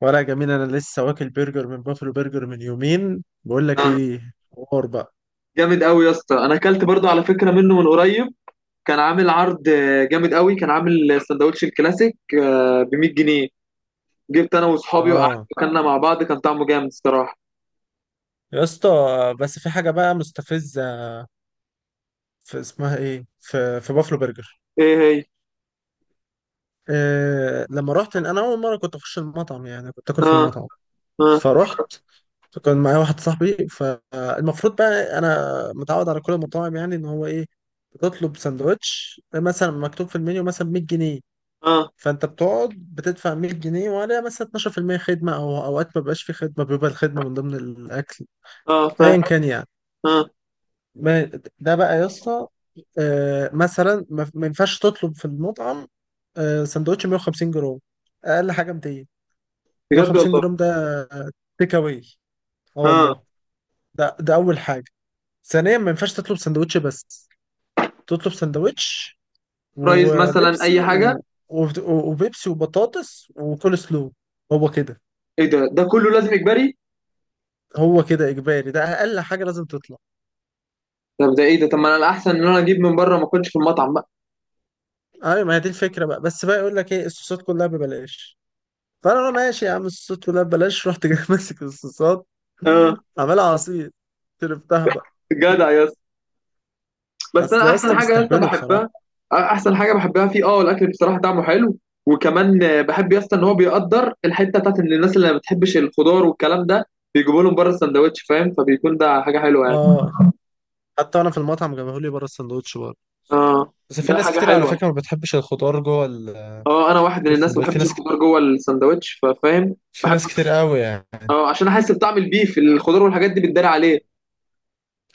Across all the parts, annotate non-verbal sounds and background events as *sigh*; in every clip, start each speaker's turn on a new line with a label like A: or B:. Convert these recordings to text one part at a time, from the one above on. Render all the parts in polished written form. A: ولا جميل، انا لسه واكل برجر من بافلو برجر من يومين، بقول لك
B: آه،
A: ايه حوار بقى.
B: جامد قوي يا اسطى، انا اكلت برضو على فكره منه من قريب. كان عامل عرض جامد قوي. كان عامل سندوتش الكلاسيك ب 100 جنيه. جبت انا واصحابي وقعدت
A: اه
B: اكلنا مع بعض، كان طعمه جامد الصراحه.
A: يا اسطى. بس في حاجه بقى مستفزه، في اسمها ايه في بافلو برجر.
B: ايه هي؟
A: لما رحت انا اول مره كنت اخش المطعم، يعني كنت اكل في
B: اه.
A: المطعم.
B: اه.
A: فرحت، كان معايا واحد صاحبي، فالمفروض بقى انا متعود على كل المطاعم، يعني ان هو ايه، بتطلب سندوتش مثلا مكتوب في المنيو مثلا 100 جنيه،
B: اه.
A: فانت بتقعد بتدفع 100 جنيه وعليها مثلا 12% خدمه، او اوقات ما بيبقاش في خدمه، بيبقى الخدمه من ضمن الاكل،
B: اه
A: ايا كان يعني.
B: اه.
A: ما- ده بقى يا اسطى، مثلا ما ينفعش تطلب في المطعم سندوتش 150 جرام، اقل حاجه 200.
B: بجد
A: 150
B: والله؟
A: جرام ده تيك اواي، اه
B: اه.
A: والله. ده اول حاجه. ثانيا، ما ينفعش تطلب سندوتش بس، تطلب سندوتش
B: فرايز مثلا، اي
A: وبيبسي
B: حاجه.
A: وبيبسي وبطاطس وكول سلو. هو كده.
B: ايه ده كله لازم اجباري؟
A: هو كده اجباري، ده اقل حاجه لازم تطلع.
B: طب ده ايه ده؟ طب ما انا الاحسن ان انا اجيب من بره ما اكلش في المطعم بقى.
A: ايوه، ما هي دي الفكره بقى. بس بقى يقول لك ايه، الصوصات كلها ببلاش. فانا أقول له ماشي يا عم، الصوصات كلها ببلاش. رحت جاي *laughs* ماسك الصوصات،
B: اه.
A: عمال عصير، شربتها بقى.
B: جدع يا اسطى. بس انا
A: اصل يا
B: احسن
A: اسطى
B: حاجه لسه
A: بيستهبلوا بصراحه.
B: بحبها، احسن حاجه بحبها فيه، الاكل بصراحه طعمه حلو. وكمان بحب يسطا ان هو بيقدر الحته بتاعت ان الناس اللي ما بتحبش الخضار والكلام ده، بيجيبوا لهم بره السندوتش فاهم، فبيكون ده حاجه حلوه يعني.
A: اه. حتى انا في المطعم جابوه لي بره السندوتش برضه.
B: اه.
A: بس في
B: ده
A: ناس
B: حاجه
A: كتير على
B: حلوه.
A: فكره ما بتحبش الخضار
B: اه انا واحد
A: جوه
B: من الناس ما
A: السندوتش، في
B: بحبش
A: ناس كتير،
B: الخضار جوه السندوتش ففاهم.
A: في
B: بحب.
A: ناس كتير قوي يعني.
B: اه عشان احس بطعم البيف، الخضار والحاجات دي بتداري عليه.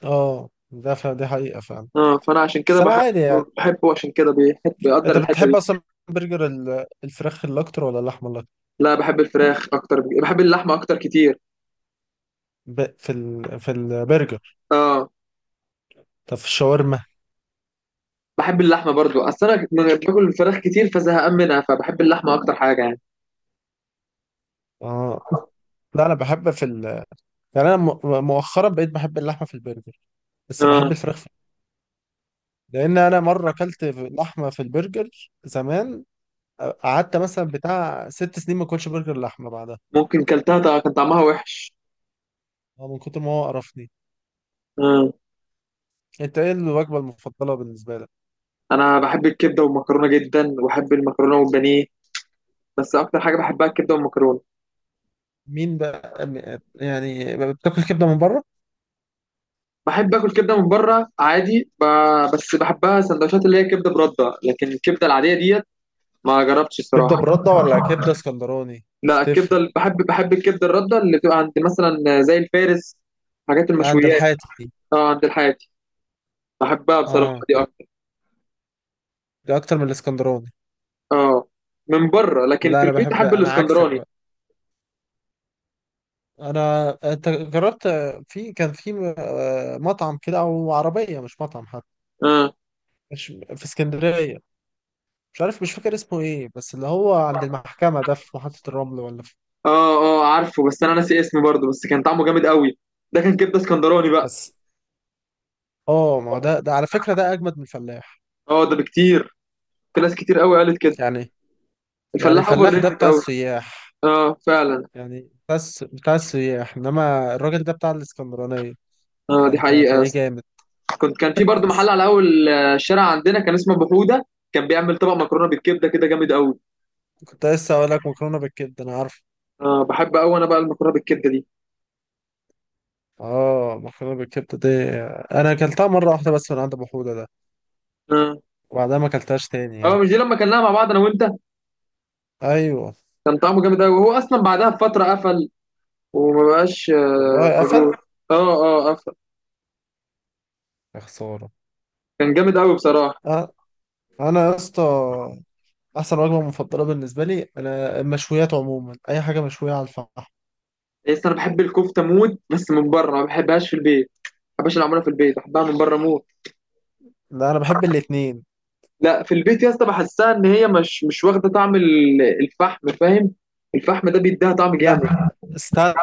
A: اه، دي حقيقه فعلا.
B: اه فانا عشان كده
A: بس انا
B: بحب.
A: عادي يعني.
B: بحبه عشان كده بيحب بيقدر
A: انت
B: الحته
A: بتحب
B: دي.
A: اصلا برجر الفراخ اللي اكتر ولا اللحمه اللي اكتر؟
B: لا بحب الفراخ اكتر، بحب اللحمه اكتر كتير.
A: في البرجر؟
B: اه
A: طب في الشاورما؟
B: بحب اللحمه برضو، اصل انا باكل الفراخ كتير فزهقان منها، فبحب اللحمه اكتر حاجه يعني.
A: اه. لا انا بحب يعني انا مؤخرا بقيت بحب اللحمه في البرجر، بس
B: اه
A: بحب الفراخ في... لان انا مره اكلت لحمه في البرجر زمان، قعدت مثلا بتاع ست سنين ما اكلش برجر لحمه بعدها،
B: ممكن كلتها طبعاً كان طعمها وحش.
A: من كتر ما هو قرفني.
B: اه
A: انت ايه الوجبه المفضله بالنسبه لك؟
B: انا بحب الكبده والمكرونه جدا، وبحب المكرونه والبانيه. بس اكتر حاجه بحبها الكبده والمكرونه.
A: مين بقى يعني بتاكل كبده من بره؟
B: بحب اكل كبده من بره عادي بس بحبها سندوتشات، اللي هي كبده برده، لكن الكبده العاديه ديت ما جربتش
A: كبده
B: الصراحه.
A: برده ولا كبده اسكندراني،
B: لا
A: بس
B: الكبده
A: تفرق؟
B: بحب الكبده الرده اللي بتبقى عند مثلا زي الفارس، حاجات
A: عند
B: المشويات.
A: الحاتي.
B: اه عند الحاتي. بحبها بصراحه،
A: اه،
B: دي أكتر.
A: ده اكتر من الاسكندراني.
B: اه. من بره لكن
A: لا
B: في
A: انا
B: البيت
A: بحب،
B: احب
A: انا عكسك
B: الاسكندراني.
A: بقى. انا، انت جربت؟ كان في مطعم كده، او عربيه مش مطعم حتى.
B: اه.
A: مش في اسكندريه، مش عارف، مش فاكر اسمه ايه، بس اللي هو عند المحكمه ده في محطه الرمل، ولا في...
B: اه. اه، عارفه بس انا ناسي اسمه برضه، بس كان طعمه جامد قوي. ده كان كبده اسكندراني بقى.
A: بس. اه، ما هو ده على فكره ده اجمد من الفلاح.
B: اه ده بكتير، في ناس كتير قوي قالت كده.
A: يعني. يعني
B: الفلاح اوفر
A: الفلاح ده
B: ريتد
A: بتاع
B: قوي.
A: السياح،
B: اه فعلا.
A: يعني بتاع السياح، انما الراجل ده بتاع الاسكندرانيه،
B: اه دي
A: فانت
B: حقيقه يا
A: هتلاقيه
B: اسطى.
A: جامد.
B: كان في برضه محل على اول الشارع عندنا، كان اسمه ابو حوده، كان بيعمل طبق مكرونه بالكبده كده جامد قوي.
A: كنت لسه اقول لك مكرونه بالكبده، انا عارف.
B: اه بحب قوي انا بقى المكرونه بالكبده دي.
A: اه، مكرونه بالكبده دي انا اكلتها مره واحده بس من عند ابو حوده ده،
B: اه.
A: وبعدها ما اكلتهاش تاني
B: اه،
A: يعني.
B: مش دي لما كلناها مع بعض انا وانت؟
A: ايوه.
B: كان طعمه جامد قوي، وهو اصلا بعدها بفتره قفل وما بقاش
A: والله قفل.
B: موجود. اه. اه افهم.
A: يا خسارة.
B: كان جامد قوي بصراحه.
A: أ- انا يا اسطى، احسن وجبه مفضله بالنسبه لي انا المشويات عموما، اي حاجه مشويه على الفحم.
B: بس انا بحب الكفته موت، بس من بره، ما بحبهاش في البيت. ما بحبهاش اللي معموله في البيت، بحبها من بره موت.
A: لا انا بحب الاتنين.
B: لا في البيت يا اسطى بحسها ان هي مش واخده طعم الفحم فاهم. الفحم ده بيديها طعم
A: لا،
B: جامد.
A: استنى.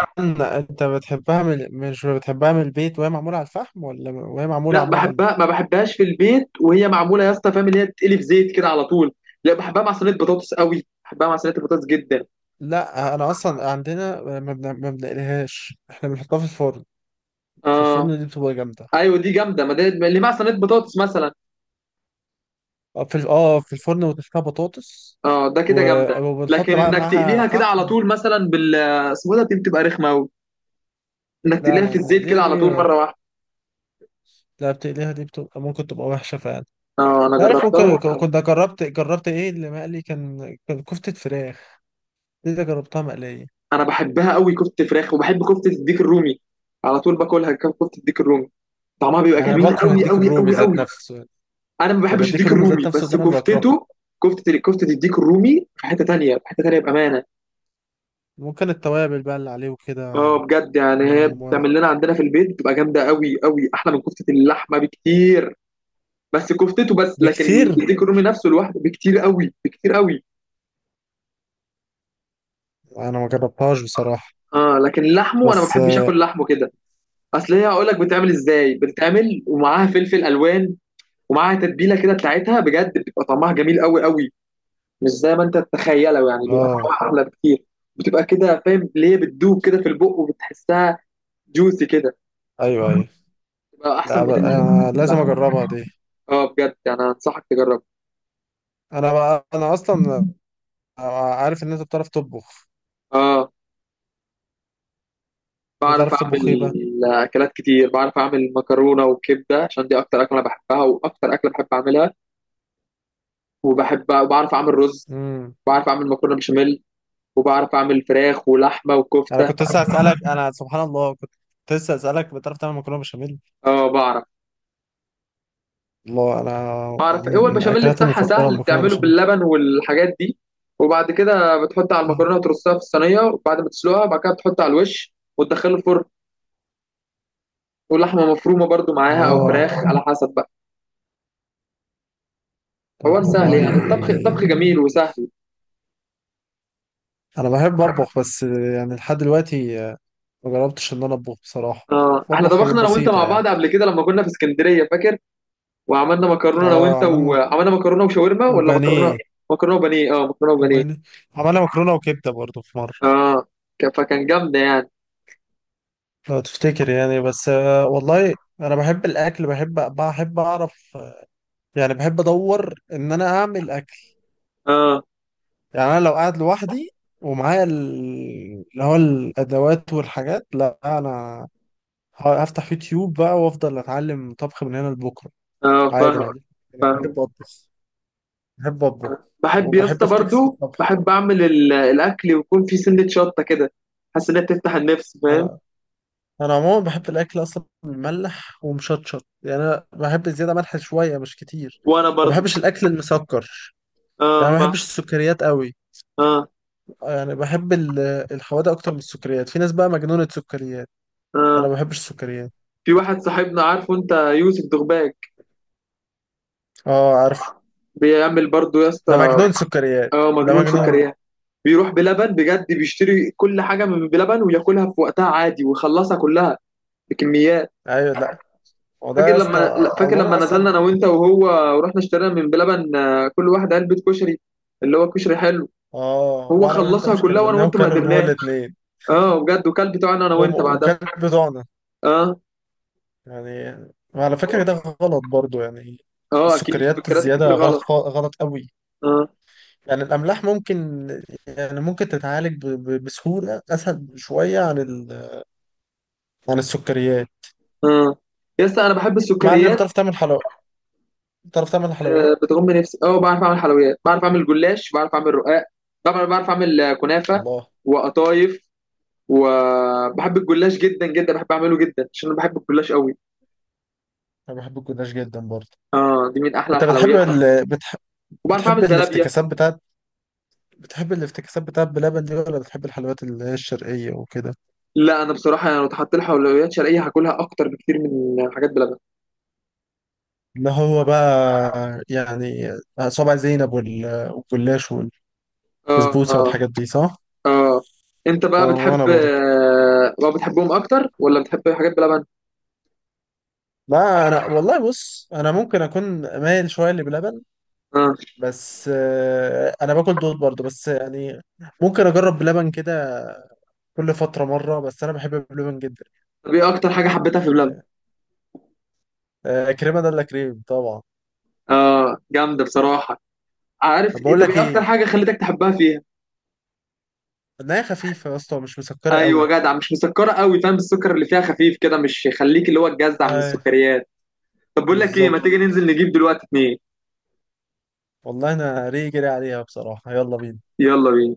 A: انت بتحبها مش بتحبها من البيت وهي معموله على الفحم، ولا وهي معموله
B: لا
A: عموما؟
B: بحبها، ما بحبهاش في البيت وهي معموله يا اسطى فاهم، اللي هي تتقلي في زيت كده على طول. لا بحبها مع صينيه بطاطس قوي، بحبها مع صينيه البطاطس جدا.
A: لا انا اصلا عندنا ما بنقليهاش، احنا بنحطها في الفرن. في
B: اه.
A: الفرن دي بتبقى جامده.
B: ايوه دي جامده، ما اللي مع صينيه بطاطس مثلا.
A: اه، في الفرن وتحتها بطاطس،
B: اه ده كده جامده.
A: وبنحط
B: لكن
A: بقى
B: انك
A: معاها
B: تقليها كده على
A: فحم.
B: طول مثلا بال آه، اسمه ده، دي بتبقى رخمه قوي. انك
A: لا
B: تقليها
A: لا،
B: في الزيت
A: بنقليها
B: كده على طول
A: دي.
B: مره واحده.
A: لا، بتقليها دي بتبقى، ممكن تبقى وحشة فعلا.
B: اه انا
A: أنت عارف،
B: جربتها
A: ممكن، كنت جربت ايه اللي مقلي؟ كان كفتة فراخ، دي اللي جربتها مقلية.
B: انا بحبها قوي كفته فراخ، وبحب كفته الديك الرومي. على طول باكلها كفته الديك الرومي، طعمها بيبقى
A: انا
B: جميل
A: بكره
B: قوي
A: الديك
B: قوي
A: الرومي
B: قوي
A: ذات
B: قوي.
A: نفسه.
B: انا ما
A: يعني
B: بحبش
A: الديك
B: الديك
A: الرومي
B: الرومي
A: ذات نفسه
B: بس
A: ده انا بكرهه.
B: كفتته. كفته الديك الرومي في حته تانيه، في حته تانيه بامانه.
A: ممكن التوابل بقى اللي عليه وكده.
B: اه بجد يعني
A: م-
B: هي
A: م-
B: بتعمل لنا عندنا في البيت، بتبقى جامده قوي قوي، احلى من كفته اللحمه بكتير. بس كفتته، بس لكن
A: بكتير.
B: الديك الرومي نفسه لوحده بكتير قوي، بكتير قوي.
A: انا ما جربتهاش بصراحة.
B: اه لكن لحمه، انا ما
A: بس.
B: بحبش اكل لحمه كده. اصل هي هقول لك بتتعمل ازاي، بتتعمل ومعاها فلفل الوان ومعاها تتبيله كده بتاعتها، بجد بتبقى طعمها جميل قوي قوي. مش زي ما انت تتخيله يعني، بيبقى
A: اه،
B: طعمها احلى بكتير. بتبقى كده فاهم اللي هي بتدوب كده في البق، وبتحسها جوسي كده.
A: ايوه ايوه.
B: بتبقى احسن
A: لا
B: من
A: بقى، انا لازم
B: اللحمه.
A: اجربها دي.
B: اه بجد يعني انا انصحك تجرب.
A: انا بقى انا اصلا عارف ان انت بتعرف تطبخ.
B: اه بعرف
A: بتعرف
B: اعمل
A: تطبخ ايه
B: اكلات كتير، بعرف اعمل مكرونه وكبده عشان دي اكتر اكله انا بحبها واكتر اكله بحب اعملها وبحبها، وبعرف اعمل رز،
A: بقى؟
B: بعرف اعمل مكرونه بشاميل، وبعرف اعمل فراخ ولحمه
A: انا
B: وكفته.
A: كنت لسه هسألك، انا سبحان الله كنت لسه هسألك، بتعرف تعمل مكرونه بشاميل؟
B: اه. بعرف
A: الله، انا
B: بعرف هو
A: من
B: البشاميل
A: اكلاتي
B: بتاعها
A: المفضله
B: سهل،
A: المكرونه
B: بتعمله
A: بشاميل.
B: باللبن والحاجات دي، وبعد كده بتحط على
A: اه.
B: المكرونه وترصها في الصينيه وبعد ما تسلقها بعد كده بتحط على الوش وتدخله الفرن، ولحمه مفرومه برضو معاها او
A: آه.
B: فراخ على حسب بقى. حوار
A: طب
B: سهل
A: والله
B: يعني، الطبخ
A: يعني،
B: الطبخ جميل وسهل.
A: انا بحب اطبخ، بس يعني لحد دلوقتي ما جربتش ان انا اطبخ بصراحه،
B: اه احنا
A: بطبخ حاجات
B: طبخنا انا وانت
A: بسيطه
B: مع
A: يعني.
B: بعض قبل كده لما كنا في اسكندريه فاكر، وعملنا مكرونه انا
A: اه،
B: وانت،
A: عملنا
B: وعملنا مكرونه وشاورما، ولا مكرونه،
A: وبانيه
B: مكرونه وبانيه، اه مكرونه وبانيه.
A: وبانيه عملنا مكرونه وكبده برضو في مره،
B: اه فكان جامده يعني.
A: لو تفتكر يعني. بس، والله انا بحب الاكل، بحب اعرف، يعني بحب ادور ان انا اعمل اكل.
B: اه.
A: يعني انا لو قاعد لوحدي ومعايا اللي هو الادوات والحاجات، لا انا هفتح يوتيوب بقى وافضل اتعلم طبخ من هنا لبكره،
B: اه
A: عادي ما
B: فاهم.
A: عنديش مشكلة.
B: فاهم.
A: بحب اطبخ. بحب اطبخ.
B: بحب يا
A: وبحب
B: اسطى
A: افتكس في
B: برضو
A: الطبخ.
B: بحب اعمل الاكل ويكون في سنه شطه كده، حاسس انها بتفتح النفس فاهم.
A: انا انا عموما بحب الاكل اصلا مملح ومشطشط، يعني انا بحب زياده ملح شويه مش كتير.
B: وانا
A: ما
B: برضو.
A: بحبش الاكل المسكر، يعني
B: اه
A: ما بحبش
B: فاهم.
A: السكريات قوي.
B: اه.
A: يعني بحب الحوادق اكتر من السكريات. في ناس بقى مجنونه سكريات، انا
B: اه.
A: ما بحبش السكريات.
B: في واحد صاحبنا عارفه انت، يوسف دغباك،
A: اه، عارف.
B: بيعمل برضو يا
A: ده
B: اسطى.
A: مجنون سكريات،
B: اه
A: ده
B: مجنون
A: مجنون.
B: سكريات. بيروح بلبن بجد، بيشتري كل حاجه من بلبن وياكلها في وقتها عادي ويخلصها كلها بكميات.
A: ايوه. لا هو ده
B: فاكر
A: يا
B: لما
A: اسطى،
B: لا، فاكر لما
A: اولا
B: نزلنا
A: اصلا.
B: انا وانت وهو ورحنا اشترينا من بلبن كل واحد علبه كشري، اللي هو كشري حلو.
A: اه،
B: هو
A: وانا وانت
B: خلصها
A: مش
B: كلها وانا
A: كملناه،
B: وانت ما
A: وكلوا اللي هو
B: قدرناش.
A: الاثنين.
B: اه بجد، وكل بتوعنا انا وانت بعدها.
A: وكان بتوعنا
B: اه.
A: يعني. وعلى فكره ده غلط برضو يعني.
B: اه اكيد
A: السكريات
B: السكريات
A: الزياده
B: الكتير
A: غلط،
B: غلط.
A: غلط قوي.
B: اه.
A: يعني الاملاح ممكن، يعني ممكن تتعالج بسهوله، اسهل شويه عن عن السكريات.
B: اه يا اسطى انا بحب
A: مع ان
B: السكريات.
A: بتعرف تعمل حلويات؟ بتعرف تعمل حلويات.
B: آه، بتغم نفسي. اه بعرف اعمل حلويات، بعرف اعمل جلاش، بعرف اعمل رقاق، بعرف اعمل كنافه
A: والله
B: وقطايف. وبحب الجلاش جدا جدا، بحب اعمله جدا عشان انا بحب الجلاش قوي.
A: انا بحب الجلاش جدا برضو.
B: اه دي من احلى
A: انت
B: الحلويات. بس وبعرف
A: بتحب
B: اعمل زلابيه.
A: الافتكاسات بتاعت، بلبن دي ولا بتحب الحلويات اللي هي الشرقية وكده؟
B: لا انا بصراحه يعني لو اتحط لي حلويات شرقيه هاكلها اكتر بكتير من حاجات بلبن.
A: اللي هو بقى يعني صابع زينب والجلاش
B: اه.
A: والبسبوسة
B: اه.
A: والحاجات دي، صح؟
B: اه. انت
A: اه،
B: بقى
A: وانا برضه.
B: بتحبهم اكتر ولا بتحب حاجات بلبن؟
A: لا انا والله، بص، انا ممكن اكون مايل شويه لبلبن،
B: اه.
A: بس انا باكل دول برضه، بس يعني ممكن اجرب بلبن كده كل فتره مره، بس انا بحب بلبن جدا.
B: طب ايه اكتر حاجه حبيتها في بلبن؟
A: كريمه ده الا كريم طبعا.
B: اه جامده بصراحه. عارف
A: طب بقول
B: انت
A: لك
B: ايه اكتر
A: ايه،
B: حاجه خلتك تحبها فيها؟
A: النهايه خفيفه يا اسطى، مش مسكره
B: ايوه
A: قوي.
B: جدع، مش مسكره قوي فاهم، السكر اللي فيها خفيف كده مش يخليك اللي هو تجزع من
A: اي
B: السكريات. طب بقول لك ايه، ما
A: بالظبط.
B: تيجي ننزل نجيب دلوقتي اتنين.
A: والله انا ريجري عليها بصراحة، يلا بينا.
B: يلا بينا.